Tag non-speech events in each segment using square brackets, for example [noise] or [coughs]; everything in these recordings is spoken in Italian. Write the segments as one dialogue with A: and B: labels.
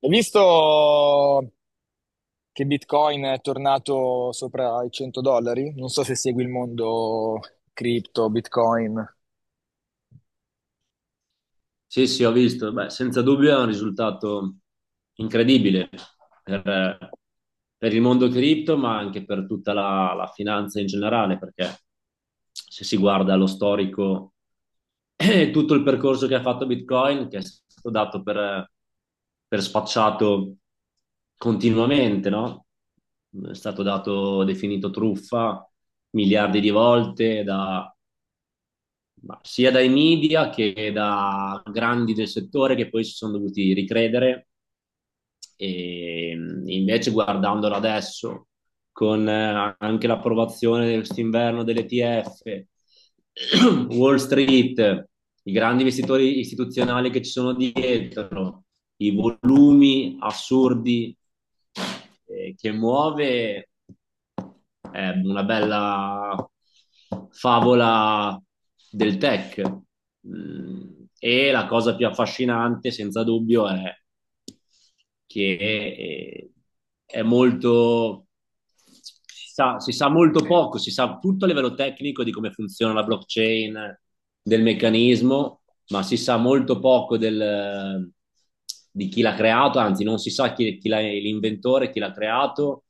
A: Hai visto che Bitcoin è tornato sopra i 100 dollari? Non so se segui il mondo cripto, Bitcoin.
B: Sì, sì, ho visto. Beh, senza dubbio è un risultato incredibile per, per il mondo cripto, ma anche per tutta la finanza in generale, perché se si guarda lo storico e tutto il percorso che ha fatto Bitcoin, che è stato dato per spacciato continuamente, no? È stato dato, definito truffa miliardi di volte da ma sia dai media che da grandi del settore che poi si sono dovuti ricredere e invece guardandolo adesso con anche l'approvazione di quest'inverno dell'ETF, [clears throat] [coughs] Wall Street, i grandi investitori istituzionali che ci sono dietro, i volumi assurdi che muove è una bella favola del tech. Mm, E la cosa più affascinante, senza dubbio, è che è molto, si sa molto poco, si sa tutto a livello tecnico di come funziona la blockchain, del meccanismo, ma si sa molto poco di chi l'ha creato, anzi non si sa l'inventore, chi l'ha creato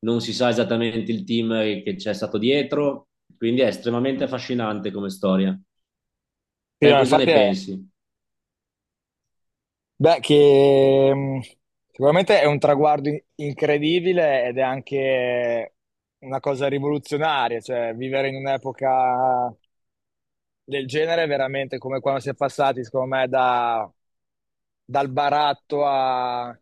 B: non si sa esattamente il team che c'è stato dietro, quindi è estremamente affascinante come storia.
A: Sì,
B: Te
A: no,
B: cosa ne
A: infatti è...
B: pensi?
A: Beh, che sicuramente è un traguardo incredibile ed è anche una cosa rivoluzionaria, cioè vivere in un'epoca del genere è veramente come quando si è passati, secondo me, da dal baratto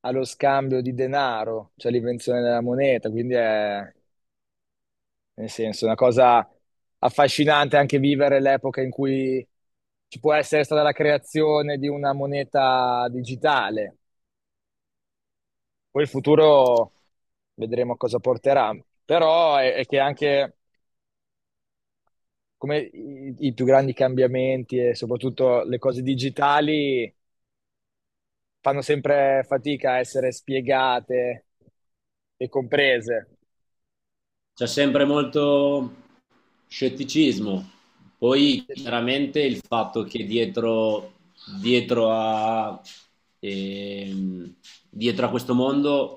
A: allo scambio di denaro, cioè l'invenzione della moneta, quindi è, nel senso, una cosa affascinante anche vivere l'epoca in cui ci può essere stata la creazione di una moneta digitale. Poi il futuro vedremo a cosa porterà, però è che anche come i più grandi cambiamenti e soprattutto le cose digitali fanno sempre fatica a essere spiegate e comprese.
B: C'è sempre molto scetticismo, poi chiaramente il fatto che dietro a, ehm, dietro a questo mondo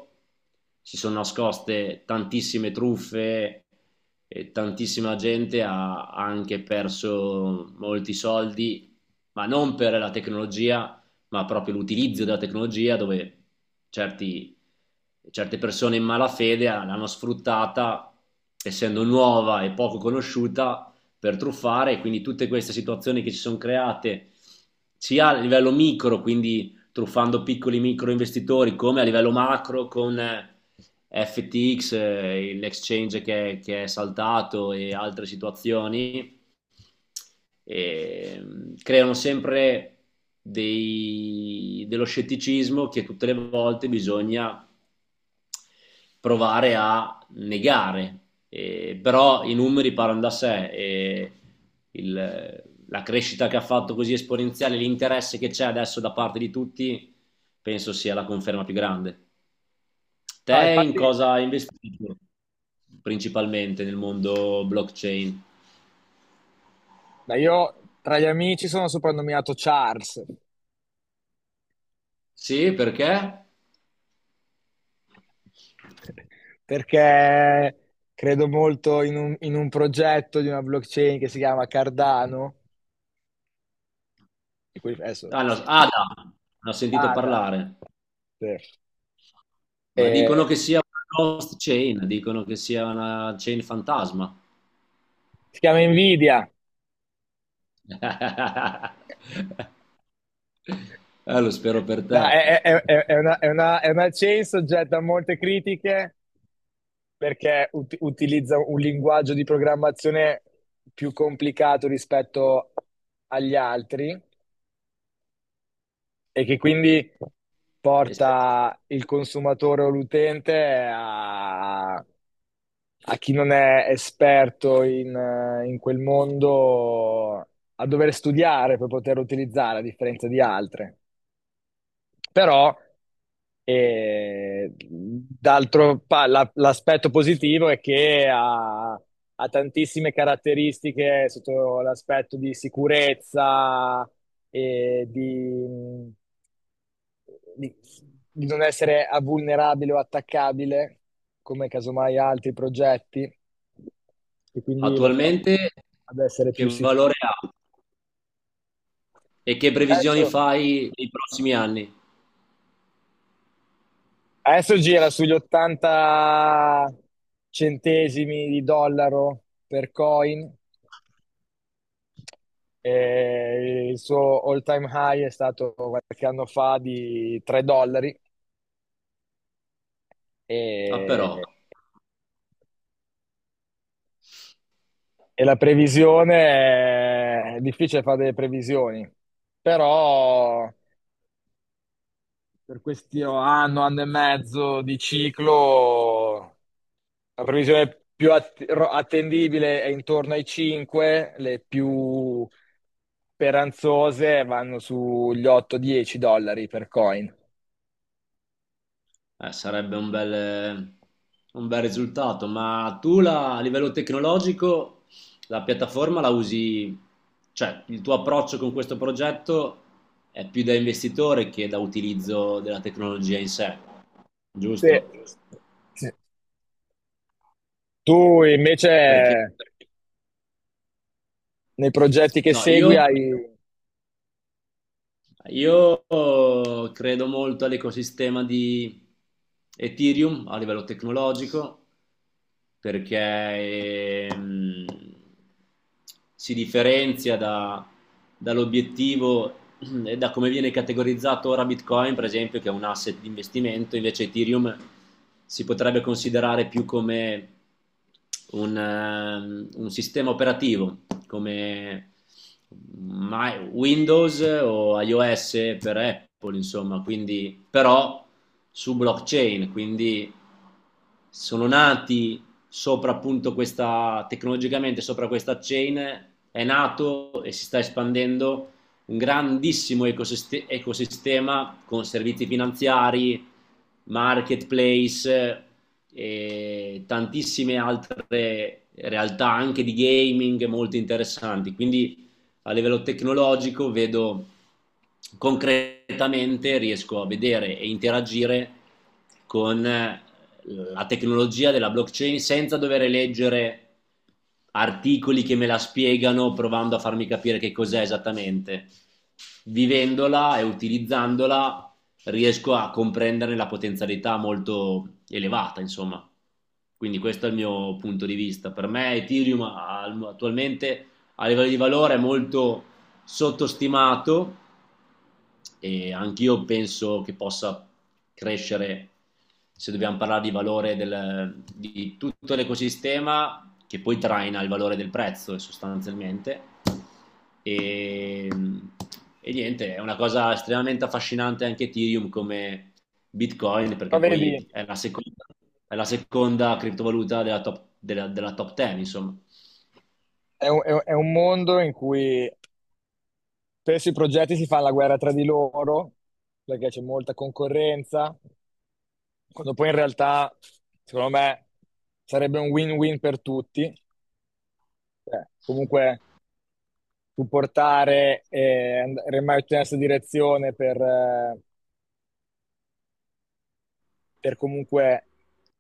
B: si sono nascoste tantissime truffe e tantissima gente ha anche perso molti soldi, ma non per la tecnologia, ma proprio l'utilizzo della tecnologia dove certi, certe persone in malafede l'hanno sfruttata, essendo nuova e poco conosciuta, per truffare e quindi tutte queste situazioni che si sono create sia a livello micro, quindi truffando piccoli micro investitori, come a livello macro con FTX, l'exchange che è saltato e altre situazioni, e, creano sempre dello scetticismo che tutte le volte bisogna provare a negare. Però i numeri parlano da sé e il- la crescita che ha fatto così esponenziale, l'interesse che c'è adesso da parte di tutti, penso sia la conferma più grande. Te
A: No,
B: in
A: infatti,
B: cosa hai investito principalmente nel mondo blockchain?
A: ma io tra gli amici sono soprannominato Charles
B: Sì, perché?
A: [laughs] perché credo molto in in un progetto di una blockchain che si chiama Cardano, di cui adesso
B: Ah, no, Ada, ne ho sentito
A: Ada,
B: parlare,
A: sì.
B: ma
A: E
B: dicono che sia una ghost chain, dicono che sia una chain fantasma.
A: si chiama Nvidia.
B: [laughs] Lo spero per
A: No,
B: te.
A: è, è una, è una chain soggetta a molte critiche perché utilizza un linguaggio di programmazione più complicato rispetto agli altri, e che quindi
B: E se-
A: porta il consumatore o l'utente a chi non è esperto in, in quel mondo a dover studiare per poter utilizzare, a differenza di altre. Però, l'aspetto positivo è che ha, ha tantissime caratteristiche sotto l'aspetto di sicurezza e di, di non essere vulnerabile o attaccabile, come casomai altri progetti, e quindi lo porta
B: Attualmente
A: ad essere
B: che
A: più sicuro.
B: valore ha e che previsioni
A: Adesso,
B: fai nei prossimi anni?
A: adesso gira sugli 80 centesimi di dollaro per coin, e il suo all-time high è stato qualche anno fa di 3 dollari.
B: Ah,
A: E,
B: però.
A: e la previsione è difficile fare delle previsioni, però per questo anno, anno e mezzo di ciclo, la previsione più attendibile è intorno ai 5, le più speranzose vanno sugli 8-10 dollari per coin.
B: Sarebbe un bel risultato, ma a livello tecnologico la piattaforma la usi, cioè il tuo approccio con questo progetto è più da investitore che da utilizzo della tecnologia in sé,
A: Sì.
B: giusto?
A: Sì. Tu invece
B: Perché
A: nei progetti che
B: no, io,
A: segui hai...
B: io credo molto all'ecosistema di Ethereum a livello tecnologico perché si differenzia dall'obiettivo e da come viene categorizzato ora Bitcoin, per esempio, che è un asset di investimento, invece Ethereum si potrebbe considerare più come un sistema operativo, come Windows o iOS per Apple, insomma, quindi però su blockchain, quindi sono nati sopra appunto questa, tecnologicamente sopra questa chain è nato e si sta espandendo un grandissimo ecosistema con servizi finanziari, marketplace e tantissime altre realtà anche di gaming molto interessanti. Quindi a livello tecnologico vedo concretamente, riesco a vedere e interagire con la tecnologia della blockchain senza dover leggere articoli che me la spiegano provando a farmi capire che cos'è esattamente. Vivendola e utilizzandola riesco a comprendere la potenzialità molto elevata, insomma. Quindi questo è il mio punto di vista. Per me Ethereum attualmente a livello di valore è molto sottostimato e anch'io penso che possa crescere, se dobbiamo parlare di valore del, di tutto l'ecosistema, che poi traina il valore del prezzo sostanzialmente. E, e niente, è una cosa estremamente affascinante anche Ethereum come Bitcoin,
A: Ma
B: perché
A: vedi,
B: poi è la seconda criptovaluta della top 10, insomma.
A: è è un mondo in cui spesso i progetti si fanno la guerra tra di loro perché c'è molta concorrenza. Quando poi in realtà, secondo me, sarebbe un win-win per tutti. Cioè, comunque, tu portare e remare tutti nella stessa direzione per comunque è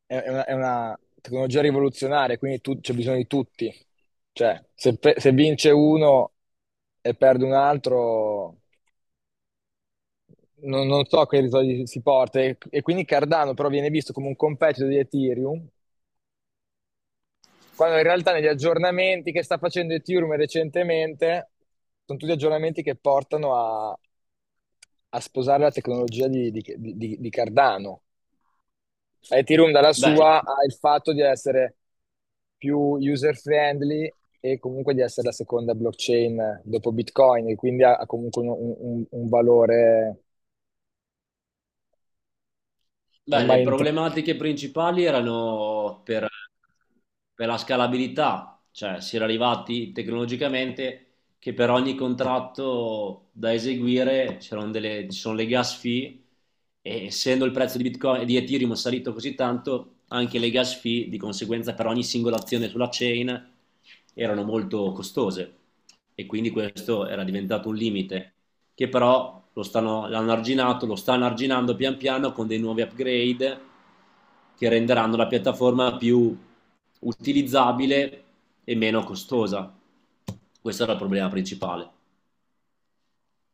A: è una, è una tecnologia rivoluzionaria, quindi c'è bisogno di tutti. Cioè, se, se vince uno e perde un altro, non so che risultati si porta. E quindi Cardano però viene visto come un competitor di Ethereum. Quando in realtà negli aggiornamenti che sta facendo Ethereum recentemente, sono tutti aggiornamenti che portano a sposare la tecnologia di Cardano. Ethereum dalla
B: Beh,
A: sua ha il fatto di essere più user friendly e comunque di essere la seconda blockchain dopo Bitcoin, e quindi ha, ha comunque un, un valore
B: Beh, le
A: ormai
B: problematiche principali erano per la scalabilità, cioè si era arrivati tecnologicamente che per ogni contratto da eseguire c'erano ci sono le gas fee e essendo il prezzo di Bitcoin e di Ethereum salito così tanto, anche le gas fee di conseguenza per ogni singola azione sulla chain erano molto costose e quindi questo era diventato un limite che però lo stanno, l'hanno arginato, lo stanno arginando pian piano con dei nuovi upgrade che renderanno la piattaforma più utilizzabile e meno costosa. Questo era il problema principale.